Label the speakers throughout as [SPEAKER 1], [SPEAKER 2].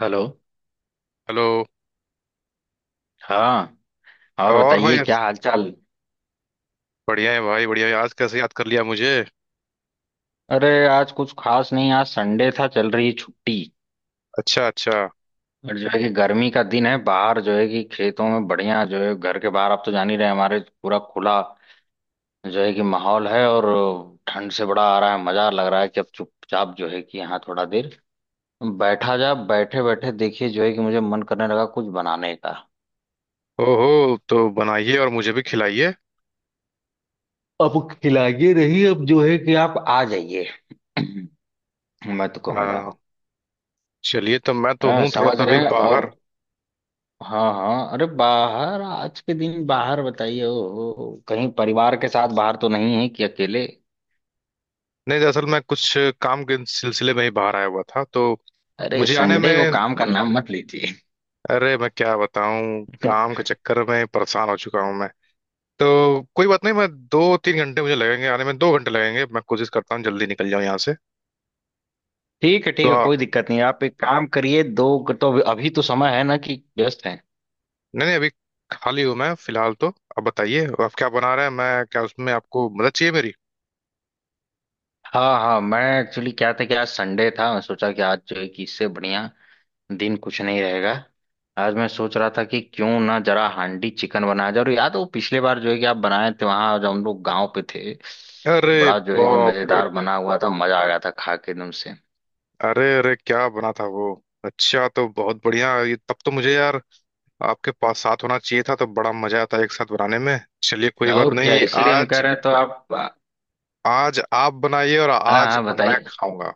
[SPEAKER 1] Hello.
[SPEAKER 2] Hello.
[SPEAKER 1] हाँ। और
[SPEAKER 2] और
[SPEAKER 1] बताइए
[SPEAKER 2] भाई,
[SPEAKER 1] क्या हालचाल।
[SPEAKER 2] बढ़िया है भाई, बढ़िया है। आज कैसे याद कर लिया मुझे?
[SPEAKER 1] अरे आज कुछ खास नहीं, आज संडे था, चल रही छुट्टी।
[SPEAKER 2] अच्छा, अच्छा।
[SPEAKER 1] और जो है कि गर्मी का दिन है, बाहर जो है कि खेतों में बढ़िया, जो है घर के बाहर आप तो जान ही रहे हैं, हमारे पूरा खुला जो है कि माहौल है। और ठंड से बड़ा आ रहा है मजा, लग रहा है कि अब चुपचाप जो है कि यहाँ थोड़ा देर बैठा जा, बैठे बैठे देखिए जो है कि मुझे मन करने लगा कुछ बनाने का।
[SPEAKER 2] ओहो, तो बनाइए और मुझे भी खिलाइए।
[SPEAKER 1] अब खिलाइए रही अब जो है कि आप आ जाइए। मैं तो कहूंगा।
[SPEAKER 2] आ, चलिए, तो मैं तो
[SPEAKER 1] हाँ
[SPEAKER 2] हूँ थोड़ा
[SPEAKER 1] समझ
[SPEAKER 2] सा
[SPEAKER 1] रहे
[SPEAKER 2] भी
[SPEAKER 1] हैं। और
[SPEAKER 2] बाहर।
[SPEAKER 1] हाँ हाँ, अरे बाहर आज के दिन बाहर बताइए, ओ, ओ, कहीं परिवार के साथ बाहर तो नहीं है कि अकेले।
[SPEAKER 2] नहीं, दरअसल मैं कुछ काम के सिलसिले में ही बाहर आया हुआ था, तो
[SPEAKER 1] अरे
[SPEAKER 2] मुझे आने
[SPEAKER 1] संडे को
[SPEAKER 2] में।
[SPEAKER 1] काम का नाम मत लीजिए।
[SPEAKER 2] अरे मैं क्या बताऊँ, काम के चक्कर में परेशान हो चुका हूँ मैं। तो कोई बात नहीं, मैं 2-3 घंटे मुझे लगेंगे आने में, 2 घंटे लगेंगे। मैं कोशिश करता हूँ जल्दी निकल जाऊँ यहाँ से।
[SPEAKER 1] ठीक है
[SPEAKER 2] तो
[SPEAKER 1] ठीक है, कोई दिक्कत नहीं, आप एक काम करिए। दो तो अभी तो समय है ना कि व्यस्त हैं।
[SPEAKER 2] नहीं नहीं, अभी खाली हूँ मैं फिलहाल। तो अब बताइए आप क्या बना रहे हैं, मैं क्या उसमें आपको मदद चाहिए मेरी?
[SPEAKER 1] हाँ हाँ, मैं एक्चुअली क्या था कि आज संडे था, मैं सोचा कि आज जो है कि इससे बढ़िया दिन कुछ नहीं रहेगा। आज मैं सोच रहा था कि क्यों ना जरा हांडी चिकन बनाया जाए। और याद हो पिछले बार जो है कि आप बनाए थे वहां जब हम लोग गांव पे थे,
[SPEAKER 2] अरे
[SPEAKER 1] बड़ा जो है कि
[SPEAKER 2] बाप रे।
[SPEAKER 1] मजेदार बना हुआ था, मजा आ गया था खा के एकदम से।
[SPEAKER 2] अरे अरे, क्या बना था वो? अच्छा, तो बहुत बढ़िया, ये तब तो मुझे, यार, आपके पास साथ होना चाहिए था, तो बड़ा मजा आता एक साथ बनाने में। चलिए कोई बात
[SPEAKER 1] और क्या,
[SPEAKER 2] नहीं,
[SPEAKER 1] इसीलिए हम कह
[SPEAKER 2] आज
[SPEAKER 1] रहे हैं तो आप।
[SPEAKER 2] आज आप बनाइए और
[SPEAKER 1] हाँ
[SPEAKER 2] आज
[SPEAKER 1] हाँ
[SPEAKER 2] मैं
[SPEAKER 1] बताइए।
[SPEAKER 2] खाऊंगा।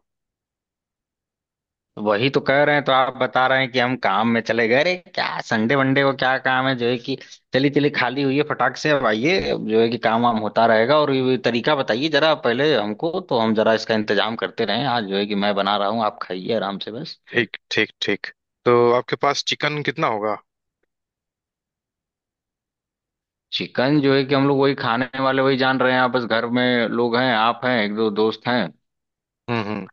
[SPEAKER 1] वही तो कह रहे हैं तो आप बता रहे हैं कि हम काम में चले गए। अरे क्या संडे वनडे को क्या काम है जो है कि। चली चली खाली हुई है फटाक से, अब आइए, अब जो है कि काम वाम होता रहेगा। और ये तरीका बताइए जरा पहले हमको, तो हम जरा इसका इंतजाम करते रहें, आज जो है कि मैं बना रहा हूँ, आप खाइए आराम से बस।
[SPEAKER 2] ठीक, ठीक, ठीक। तो आपके पास चिकन कितना होगा?
[SPEAKER 1] चिकन जो है कि हम लोग वही खाने वाले, वही जान रहे हैं आप, बस घर में लोग हैं, आप हैं, एक दो दोस्त हैं।
[SPEAKER 2] हम्म, हम्म।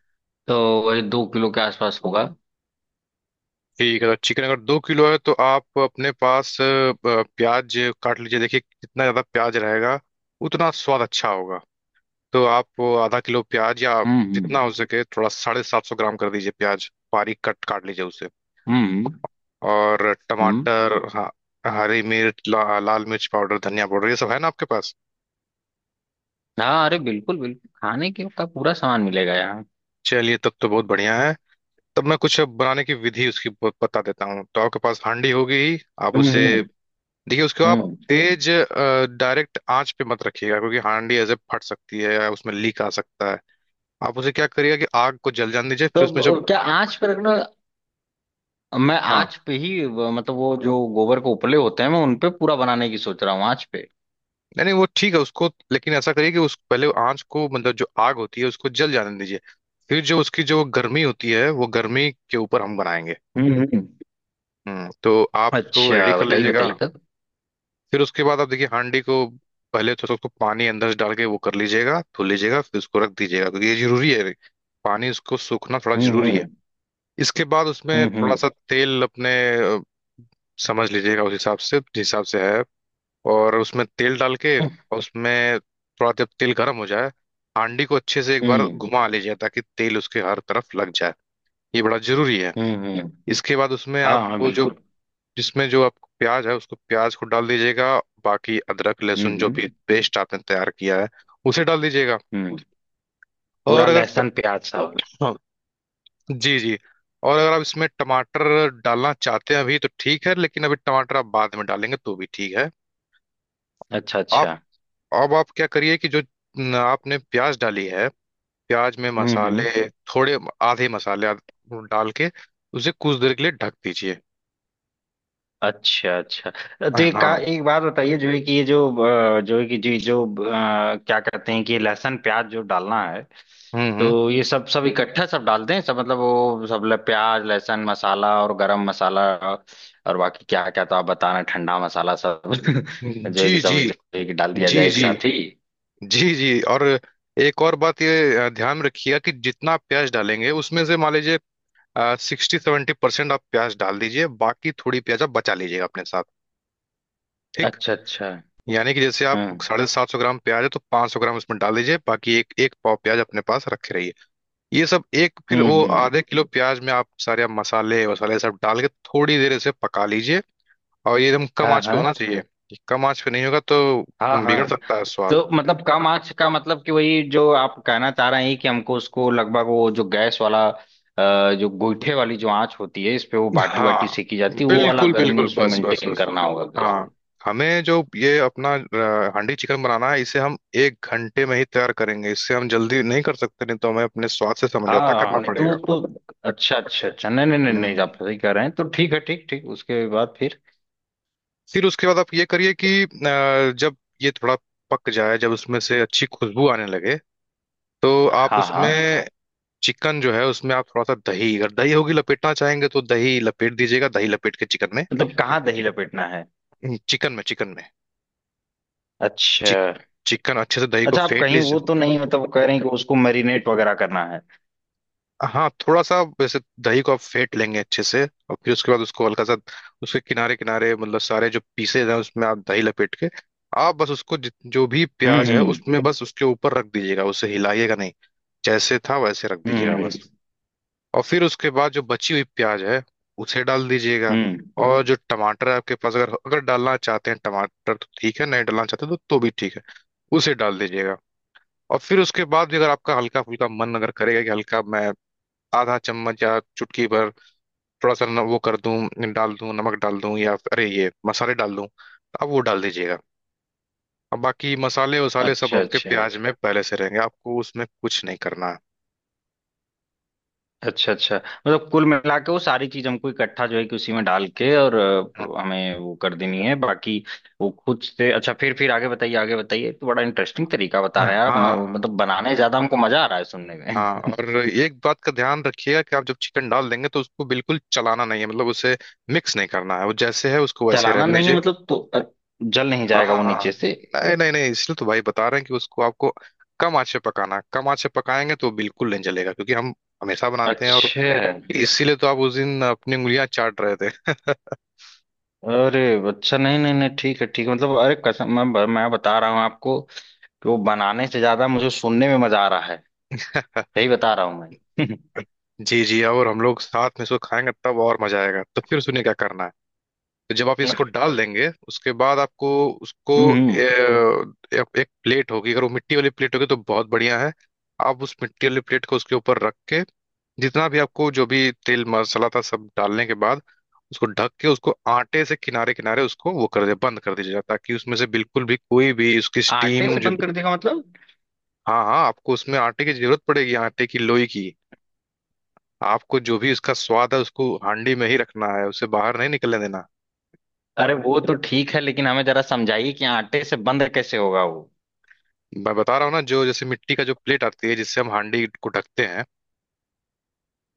[SPEAKER 1] तो वही 2 किलो के आसपास होगा।
[SPEAKER 2] ठीक है, तो चिकन अगर 2 किलो है तो आप अपने पास प्याज काट लीजिए। देखिए जितना ज़्यादा प्याज रहेगा उतना स्वाद अच्छा होगा। तो आप आधा किलो प्याज या जितना
[SPEAKER 1] हम्म।
[SPEAKER 2] हो सके, थोड़ा 750 ग्राम कर दीजिए। प्याज बारीक कट काट लीजिए उसे।
[SPEAKER 1] हम्म।
[SPEAKER 2] और
[SPEAKER 1] हम्म।
[SPEAKER 2] टमाटर, हाँ, हरी मिर्च, लाल मिर्च पाउडर, धनिया पाउडर, ये सब है ना आपके पास?
[SPEAKER 1] हाँ, अरे बिल्कुल बिल्कुल, खाने के का पूरा सामान मिलेगा यहाँ।
[SPEAKER 2] चलिए तब तो बहुत बढ़िया है। तब मैं कुछ बनाने की विधि उसकी बता देता हूँ। तो आपके पास हांडी होगी ही, आप उसे
[SPEAKER 1] हम्म।
[SPEAKER 2] देखिए, उसको आप
[SPEAKER 1] हम्म।
[SPEAKER 2] तेज डायरेक्ट आंच पे मत रखिएगा, क्योंकि हांडी ऐसे फट सकती है या उसमें लीक आ सकता है। आप उसे क्या करिएगा कि आग को जल जाने दीजिए, फिर
[SPEAKER 1] तो
[SPEAKER 2] उसमें जब,
[SPEAKER 1] क्या आंच पे रखना? मैं
[SPEAKER 2] हाँ,
[SPEAKER 1] आंच पे ही मतलब वो जो गोबर के उपले होते हैं, मैं उनपे पूरा बनाने की सोच रहा हूँ आंच पे।
[SPEAKER 2] नहीं नहीं, वो ठीक है उसको। लेकिन ऐसा करिए कि उस पहले आंच को, मतलब जो आग होती है उसको जल जाने दीजिए। फिर जो उसकी जो गर्मी होती है, वो गर्मी के ऊपर हम बनाएंगे।
[SPEAKER 1] हम्म।
[SPEAKER 2] हम्म, तो आप उसको रेडी
[SPEAKER 1] अच्छा
[SPEAKER 2] कर
[SPEAKER 1] बताइए
[SPEAKER 2] लीजिएगा।
[SPEAKER 1] बताइए तब।
[SPEAKER 2] फिर उसके बाद आप देखिए हांडी को पहले थोड़ा सा उसको पानी अंदर से डाल के वो कर लीजिएगा, धो लीजिएगा, फिर उसको रख दीजिएगा, क्योंकि ये जरूरी है। पानी उसको सूखना थोड़ा
[SPEAKER 1] हम्म।
[SPEAKER 2] जरूरी है। इसके बाद उसमें थोड़ा
[SPEAKER 1] हम्म।
[SPEAKER 2] सा तेल अपने अ, समझ लीजिएगा उस हिसाब से, जिस हिसाब से है। और उसमें तेल डाल के,
[SPEAKER 1] हम्म
[SPEAKER 2] और उसमें थोड़ा, जब तेल गर्म हो जाए, हांडी को अच्छे से एक बार
[SPEAKER 1] हम्म।
[SPEAKER 2] घुमा लीजिए ताकि तेल उसके हर तरफ लग जाए। ये बड़ा जरूरी है।
[SPEAKER 1] हम्म। हम्म।
[SPEAKER 2] इसके बाद उसमें
[SPEAKER 1] हाँ हाँ
[SPEAKER 2] आपको जो,
[SPEAKER 1] बिल्कुल।
[SPEAKER 2] जिसमें जो आपको प्याज है उसको, प्याज को डाल दीजिएगा। बाकी अदरक लहसुन जो
[SPEAKER 1] हम्म।
[SPEAKER 2] भी पेस्ट आपने तैयार किया है, उसे डाल दीजिएगा।
[SPEAKER 1] हम्म। पूरा
[SPEAKER 2] और अगर
[SPEAKER 1] लहसुन प्याज सब।
[SPEAKER 2] हाँ, जी जी। और अगर आप इसमें टमाटर डालना चाहते हैं अभी, तो ठीक है, लेकिन अभी टमाटर आप बाद में डालेंगे तो भी ठीक है।
[SPEAKER 1] अच्छा
[SPEAKER 2] आप,
[SPEAKER 1] अच्छा।
[SPEAKER 2] अब आप क्या करिए कि जो न, आपने प्याज डाली है। प्याज में
[SPEAKER 1] हम्म।
[SPEAKER 2] मसाले थोड़े, आधे मसाले डाल के उसे कुछ देर के लिए ढक दीजिए।
[SPEAKER 1] अच्छा अच्छा। तो एक का
[SPEAKER 2] हाँ,
[SPEAKER 1] एक बात बताइए, जो है कि ये जो जो है कि जी जो क्या कहते हैं कि ये लहसुन प्याज जो डालना है,
[SPEAKER 2] हम्म, हम्म।
[SPEAKER 1] तो ये सब सब इकट्ठा सब डालते हैं सब, मतलब वो सब प्याज लहसुन मसाला और गरम मसाला, और बाकी क्या क्या तो आप बता रहे हैं, ठंडा मसाला सब जो है कि
[SPEAKER 2] जी, जी।
[SPEAKER 1] सब जो है कि डाल
[SPEAKER 2] जी,
[SPEAKER 1] दिया जाए एक
[SPEAKER 2] जी।
[SPEAKER 1] साथ ही।
[SPEAKER 2] जी, जी। और एक और बात, ये ध्यान में रखिएगा कि जितना आप प्याज डालेंगे उसमें से, मान लीजिए, 60-70% आप प्याज डाल दीजिए, बाकी थोड़ी प्याज आप बचा लीजिएगा अपने साथ। एक,
[SPEAKER 1] अच्छा अच्छा।
[SPEAKER 2] यानी कि जैसे आप
[SPEAKER 1] हम्म
[SPEAKER 2] 750 ग्राम प्याज है, तो 500 ग्राम उसमें डाल दीजिए, बाकी एक एक पाव प्याज अपने पास रखे रहिए। ये सब एक, फिर
[SPEAKER 1] हम्म।
[SPEAKER 2] वो
[SPEAKER 1] हम्म।
[SPEAKER 2] आधे किलो प्याज में आप सारे, आप मसाले वसाले सब डाल के थोड़ी देर इसे पका लीजिए। और ये एकदम कम
[SPEAKER 1] हाँ
[SPEAKER 2] आंच पे होना
[SPEAKER 1] हाँ।
[SPEAKER 2] चाहिए, कम आंच पे नहीं होगा तो
[SPEAKER 1] हाँ हाँ।
[SPEAKER 2] बिगड़ सकता है स्वाद।
[SPEAKER 1] तो मतलब कम आंच का मतलब कि वही जो आप कहना चाह रहे हैं कि हमको उसको लगभग वो जो गैस वाला जो गोईठे वाली जो आंच होती है इस पे, वो बाटी वाटी
[SPEAKER 2] हाँ,
[SPEAKER 1] सेकी जाती है, वो वाला
[SPEAKER 2] बिल्कुल,
[SPEAKER 1] गर्मी
[SPEAKER 2] बिल्कुल,
[SPEAKER 1] उसमें
[SPEAKER 2] बस, बस,
[SPEAKER 1] मेंटेन
[SPEAKER 2] बस,
[SPEAKER 1] करना होगा गैस
[SPEAKER 2] हाँ।
[SPEAKER 1] पे।
[SPEAKER 2] हमें जो ये अपना हांडी चिकन बनाना है इसे हम 1 घंटे में ही तैयार करेंगे, इससे हम जल्दी नहीं कर सकते, नहीं तो हमें अपने स्वाद से समझौता
[SPEAKER 1] हाँ
[SPEAKER 2] करना
[SPEAKER 1] नहीं तो
[SPEAKER 2] पड़ेगा।
[SPEAKER 1] तो अच्छा अच्छा अच्छा, नहीं नहीं नहीं नहीं,
[SPEAKER 2] हम्म।
[SPEAKER 1] आप सही कह रहे हैं, तो ठीक है ठीक ठीक, उसके बाद फिर?
[SPEAKER 2] फिर उसके बाद आप ये करिए कि जब ये थोड़ा पक जाए, जब उसमें से अच्छी खुशबू आने लगे, तो आप
[SPEAKER 1] हाँ हाँ।
[SPEAKER 2] उसमें चिकन जो है, उसमें आप थोड़ा सा दही, अगर दही होगी लपेटना चाहेंगे तो दही लपेट दीजिएगा, दही लपेट के चिकन में।
[SPEAKER 1] मतलब कहाँ दही लपेटना है?
[SPEAKER 2] चिकन में, चिकन में।
[SPEAKER 1] अच्छा
[SPEAKER 2] चिक, चिकन अच्छे से दही को
[SPEAKER 1] अच्छा। आप
[SPEAKER 2] फेंट
[SPEAKER 1] कहीं
[SPEAKER 2] लीजिए।
[SPEAKER 1] वो तो नहीं मतलब कह रहे हैं कि उसको मैरिनेट वगैरह करना है?
[SPEAKER 2] हाँ, थोड़ा सा वैसे दही को आप फेंट लेंगे अच्छे से। और फिर उसके बाद उसको हल्का सा उसके किनारे किनारे, मतलब सारे जो पीसेज हैं उसमें आप दही लपेट के, आप बस उसको जो भी प्याज है
[SPEAKER 1] हम्म।
[SPEAKER 2] उसमें बस उसके ऊपर रख दीजिएगा, उसे हिलाइएगा नहीं। जैसे था वैसे रख दीजिएगा
[SPEAKER 1] हम्म
[SPEAKER 2] बस। और फिर उसके बाद जो बची हुई प्याज है उसे डाल दीजिएगा।
[SPEAKER 1] हम्म।
[SPEAKER 2] हम्म, और जो टमाटर है आपके पास, अगर अगर डालना चाहते हैं टमाटर तो ठीक है, नहीं डालना चाहते तो भी ठीक है। उसे डाल दीजिएगा। और फिर उसके बाद भी अगर आपका हल्का फुल्का मन अगर करेगा कि हल्का मैं आधा चम्मच या चुटकी भर, थोड़ा सा वो कर दूं, डाल दूं, नमक डाल दूं या अरे ये मसाले डाल दूं, तो आप वो डाल दीजिएगा। अब बाकी मसाले वसाले सब
[SPEAKER 1] अच्छा
[SPEAKER 2] आपके
[SPEAKER 1] अच्छा।
[SPEAKER 2] प्याज में पहले से रहेंगे, आपको उसमें कुछ नहीं करना है।
[SPEAKER 1] अच्छा अच्छा, मतलब कुल मिला के वो सारी चीज हमको इकट्ठा जो है कि उसी में डाल के, और हमें वो कर देनी है, बाकी वो खुद से। अच्छा, फिर आगे बताइए आगे बताइए, तो बड़ा इंटरेस्टिंग तरीका बता
[SPEAKER 2] हाँ,
[SPEAKER 1] रहे हैं आप
[SPEAKER 2] हाँ,
[SPEAKER 1] मतलब बनाने ज्यादा हमको मजा आ रहा है सुनने
[SPEAKER 2] हाँ।
[SPEAKER 1] में।
[SPEAKER 2] और एक बात का ध्यान रखिएगा कि आप जब चिकन डाल देंगे तो उसको बिल्कुल चलाना नहीं है, मतलब उसे मिक्स नहीं करना है, वो जैसे है उसको वैसे ही
[SPEAKER 1] चलाना
[SPEAKER 2] रहने
[SPEAKER 1] नहीं है
[SPEAKER 2] दीजिए।
[SPEAKER 1] मतलब? तो जल नहीं
[SPEAKER 2] हाँ,
[SPEAKER 1] जाएगा वो
[SPEAKER 2] हाँ,
[SPEAKER 1] नीचे से?
[SPEAKER 2] नहीं, नहीं, नहीं। इसलिए तो भाई बता रहे हैं कि उसको आपको कम आँच पे पकाना है। कम आँच पे पकाएंगे तो बिल्कुल नहीं जलेगा, क्योंकि हम हमेशा बनाते हैं। और
[SPEAKER 1] अच्छा।
[SPEAKER 2] इसीलिए तो आप उस दिन अपनी उंगलियां चाट रहे थे।
[SPEAKER 1] अरे अच्छा, नहीं नहीं नहीं, ठीक है ठीक है मतलब, अरे कसम मैं मैं बता रहा हूँ आपको कि वो बनाने से ज्यादा मुझे सुनने में मजा आ रहा है, यही बता रहा हूँ मैं।
[SPEAKER 2] जी, जी। और हम लोग साथ में इसको खाएंगे तब और मजा आएगा। तो फिर सुनिए क्या करना है। तो जब आप इसको डाल देंगे उसके बाद आपको उसको
[SPEAKER 1] हम्म
[SPEAKER 2] ए,
[SPEAKER 1] हम्म।
[SPEAKER 2] एक एक प्लेट होगी, अगर वो मिट्टी वाली प्लेट होगी तो बहुत बढ़िया है। आप उस मिट्टी वाली प्लेट को उसके ऊपर रख के, जितना भी आपको जो भी तेल मसाला था सब डालने के बाद, उसको ढक के उसको आटे से किनारे किनारे उसको वो कर दे, बंद कर दीजिएगा, ताकि उसमें से बिल्कुल भी कोई भी उसकी
[SPEAKER 1] आटे
[SPEAKER 2] स्टीम
[SPEAKER 1] से
[SPEAKER 2] जो,
[SPEAKER 1] बंद कर देगा मतलब?
[SPEAKER 2] हाँ, हाँ, आपको उसमें आटे की जरूरत पड़ेगी, आटे की लोई की। आपको जो भी उसका स्वाद है उसको हांडी में ही रखना है, उसे बाहर नहीं निकलने देना।
[SPEAKER 1] अरे वो तो ठीक है लेकिन हमें जरा समझाइए कि आटे से बंद कैसे होगा वो?
[SPEAKER 2] मैं बता रहा हूँ ना, जो जैसे मिट्टी का जो प्लेट आती है जिससे हम हांडी को ढकते हैं,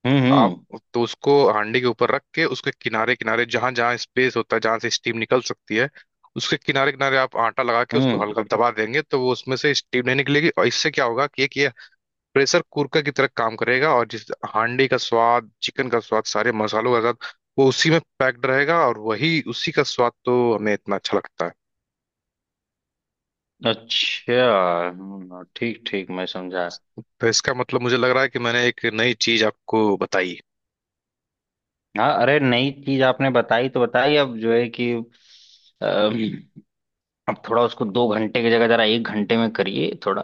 [SPEAKER 2] आप
[SPEAKER 1] हम्म।
[SPEAKER 2] तो उसको हांडी के ऊपर रख के उसके किनारे किनारे, जहां जहां स्पेस होता है जहां से स्टीम निकल सकती है, उसके किनारे किनारे आप आटा लगा के उसको
[SPEAKER 1] हम्म।
[SPEAKER 2] हल्का दबा देंगे तो वो उसमें से स्टीम नहीं निकलेगी, और इससे क्या होगा कि एक ये प्रेशर कुकर की तरह काम करेगा। और जिस हांडी का स्वाद, चिकन का स्वाद, सारे मसालों का स्वाद वो उसी में पैक्ड रहेगा, और वही उसी का स्वाद तो हमें इतना अच्छा लगता है।
[SPEAKER 1] अच्छा। ठीक ठीक मैं समझा।
[SPEAKER 2] तो इसका मतलब मुझे लग रहा है कि मैंने एक नई चीज आपको बताई।
[SPEAKER 1] हाँ अरे नई चीज आपने बताई तो बताई, अब जो है कि अम, अब थोड़ा उसको 2 घंटे की जगह जरा 1 घंटे में करिए थोड़ा,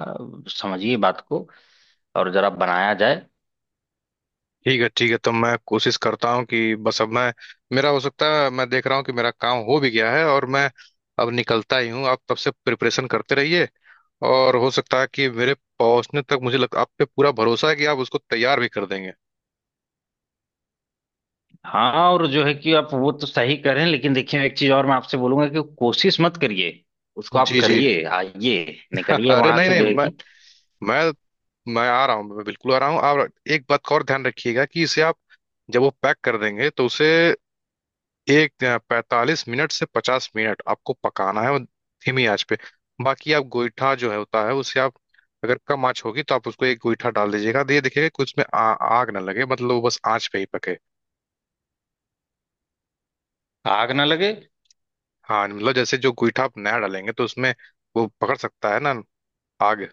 [SPEAKER 1] समझिए बात को, और जरा बनाया जाए।
[SPEAKER 2] ठीक है, ठीक है। तो मैं कोशिश करता हूँ कि बस अब मैं, मेरा हो सकता है, मैं देख रहा हूँ कि मेरा काम हो भी गया है और मैं अब निकलता ही हूँ। आप तब से प्रिपरेशन करते रहिए। और हो सकता है कि मेरे पहुंचने तक आप पे पूरा भरोसा है कि आप उसको तैयार भी कर देंगे।
[SPEAKER 1] हाँ, और जो है कि आप वो तो सही करें लेकिन देखिए एक चीज और मैं आपसे बोलूंगा कि कोशिश मत करिए, उसको आप
[SPEAKER 2] जी, जी।
[SPEAKER 1] करिए, आइए, निकलिए
[SPEAKER 2] अरे,
[SPEAKER 1] वहां
[SPEAKER 2] नहीं,
[SPEAKER 1] से
[SPEAKER 2] नहीं,
[SPEAKER 1] जो है
[SPEAKER 2] मैं,
[SPEAKER 1] कि।
[SPEAKER 2] मैं आ रहा हूँ, मैं बिल्कुल आ रहा हूँ। आप एक बात का और ध्यान रखिएगा कि इसे आप जब वो पैक कर देंगे तो उसे एक 45 मिनट से 50 मिनट आपको पकाना है, और धीमी आंच पे। बाकी आप गोईठा जो है होता है उसे आप, अगर कम आंच होगी तो आप उसको एक गोईठा डाल दीजिएगा, तो ये देखिएगा कि उसमें आग ना लगे, मतलब वो बस आंच पे ही पके।
[SPEAKER 1] आग ना लगे?
[SPEAKER 2] हाँ, मतलब जैसे जो गोईठा आप नया डालेंगे तो उसमें वो पकड़ सकता है ना आग,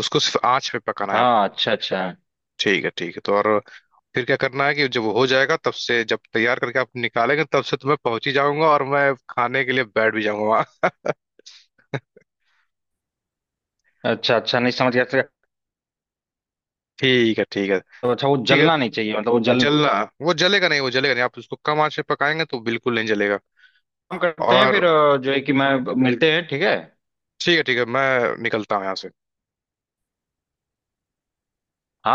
[SPEAKER 2] उसको सिर्फ आंच पे पकाना है
[SPEAKER 1] हाँ
[SPEAKER 2] आपको।
[SPEAKER 1] अच्छा अच्छा।
[SPEAKER 2] ठीक है, ठीक है। तो और फिर क्या करना है कि जब वो हो जाएगा तब से, जब तैयार करके आप निकालेंगे तब से, तो मैं पहुंच ही जाऊंगा और मैं खाने के लिए बैठ भी जाऊंगा वहाँ।
[SPEAKER 1] अच्छा अच्छा नहीं, समझ गया समझ गया।
[SPEAKER 2] ठीक है, ठीक है,
[SPEAKER 1] तो अच्छा, वो
[SPEAKER 2] ठीक
[SPEAKER 1] जलना
[SPEAKER 2] है।
[SPEAKER 1] नहीं चाहिए मतलब, वो जल।
[SPEAKER 2] जलना वो जलेगा नहीं, वो जलेगा नहीं। आप उसको कम आंच पे पकाएंगे तो बिल्कुल नहीं जलेगा।
[SPEAKER 1] काम करते हैं
[SPEAKER 2] और
[SPEAKER 1] फिर जो है कि मैं मिलते हैं ठीक है।
[SPEAKER 2] ठीक है, ठीक है, मैं निकलता हूँ यहाँ से।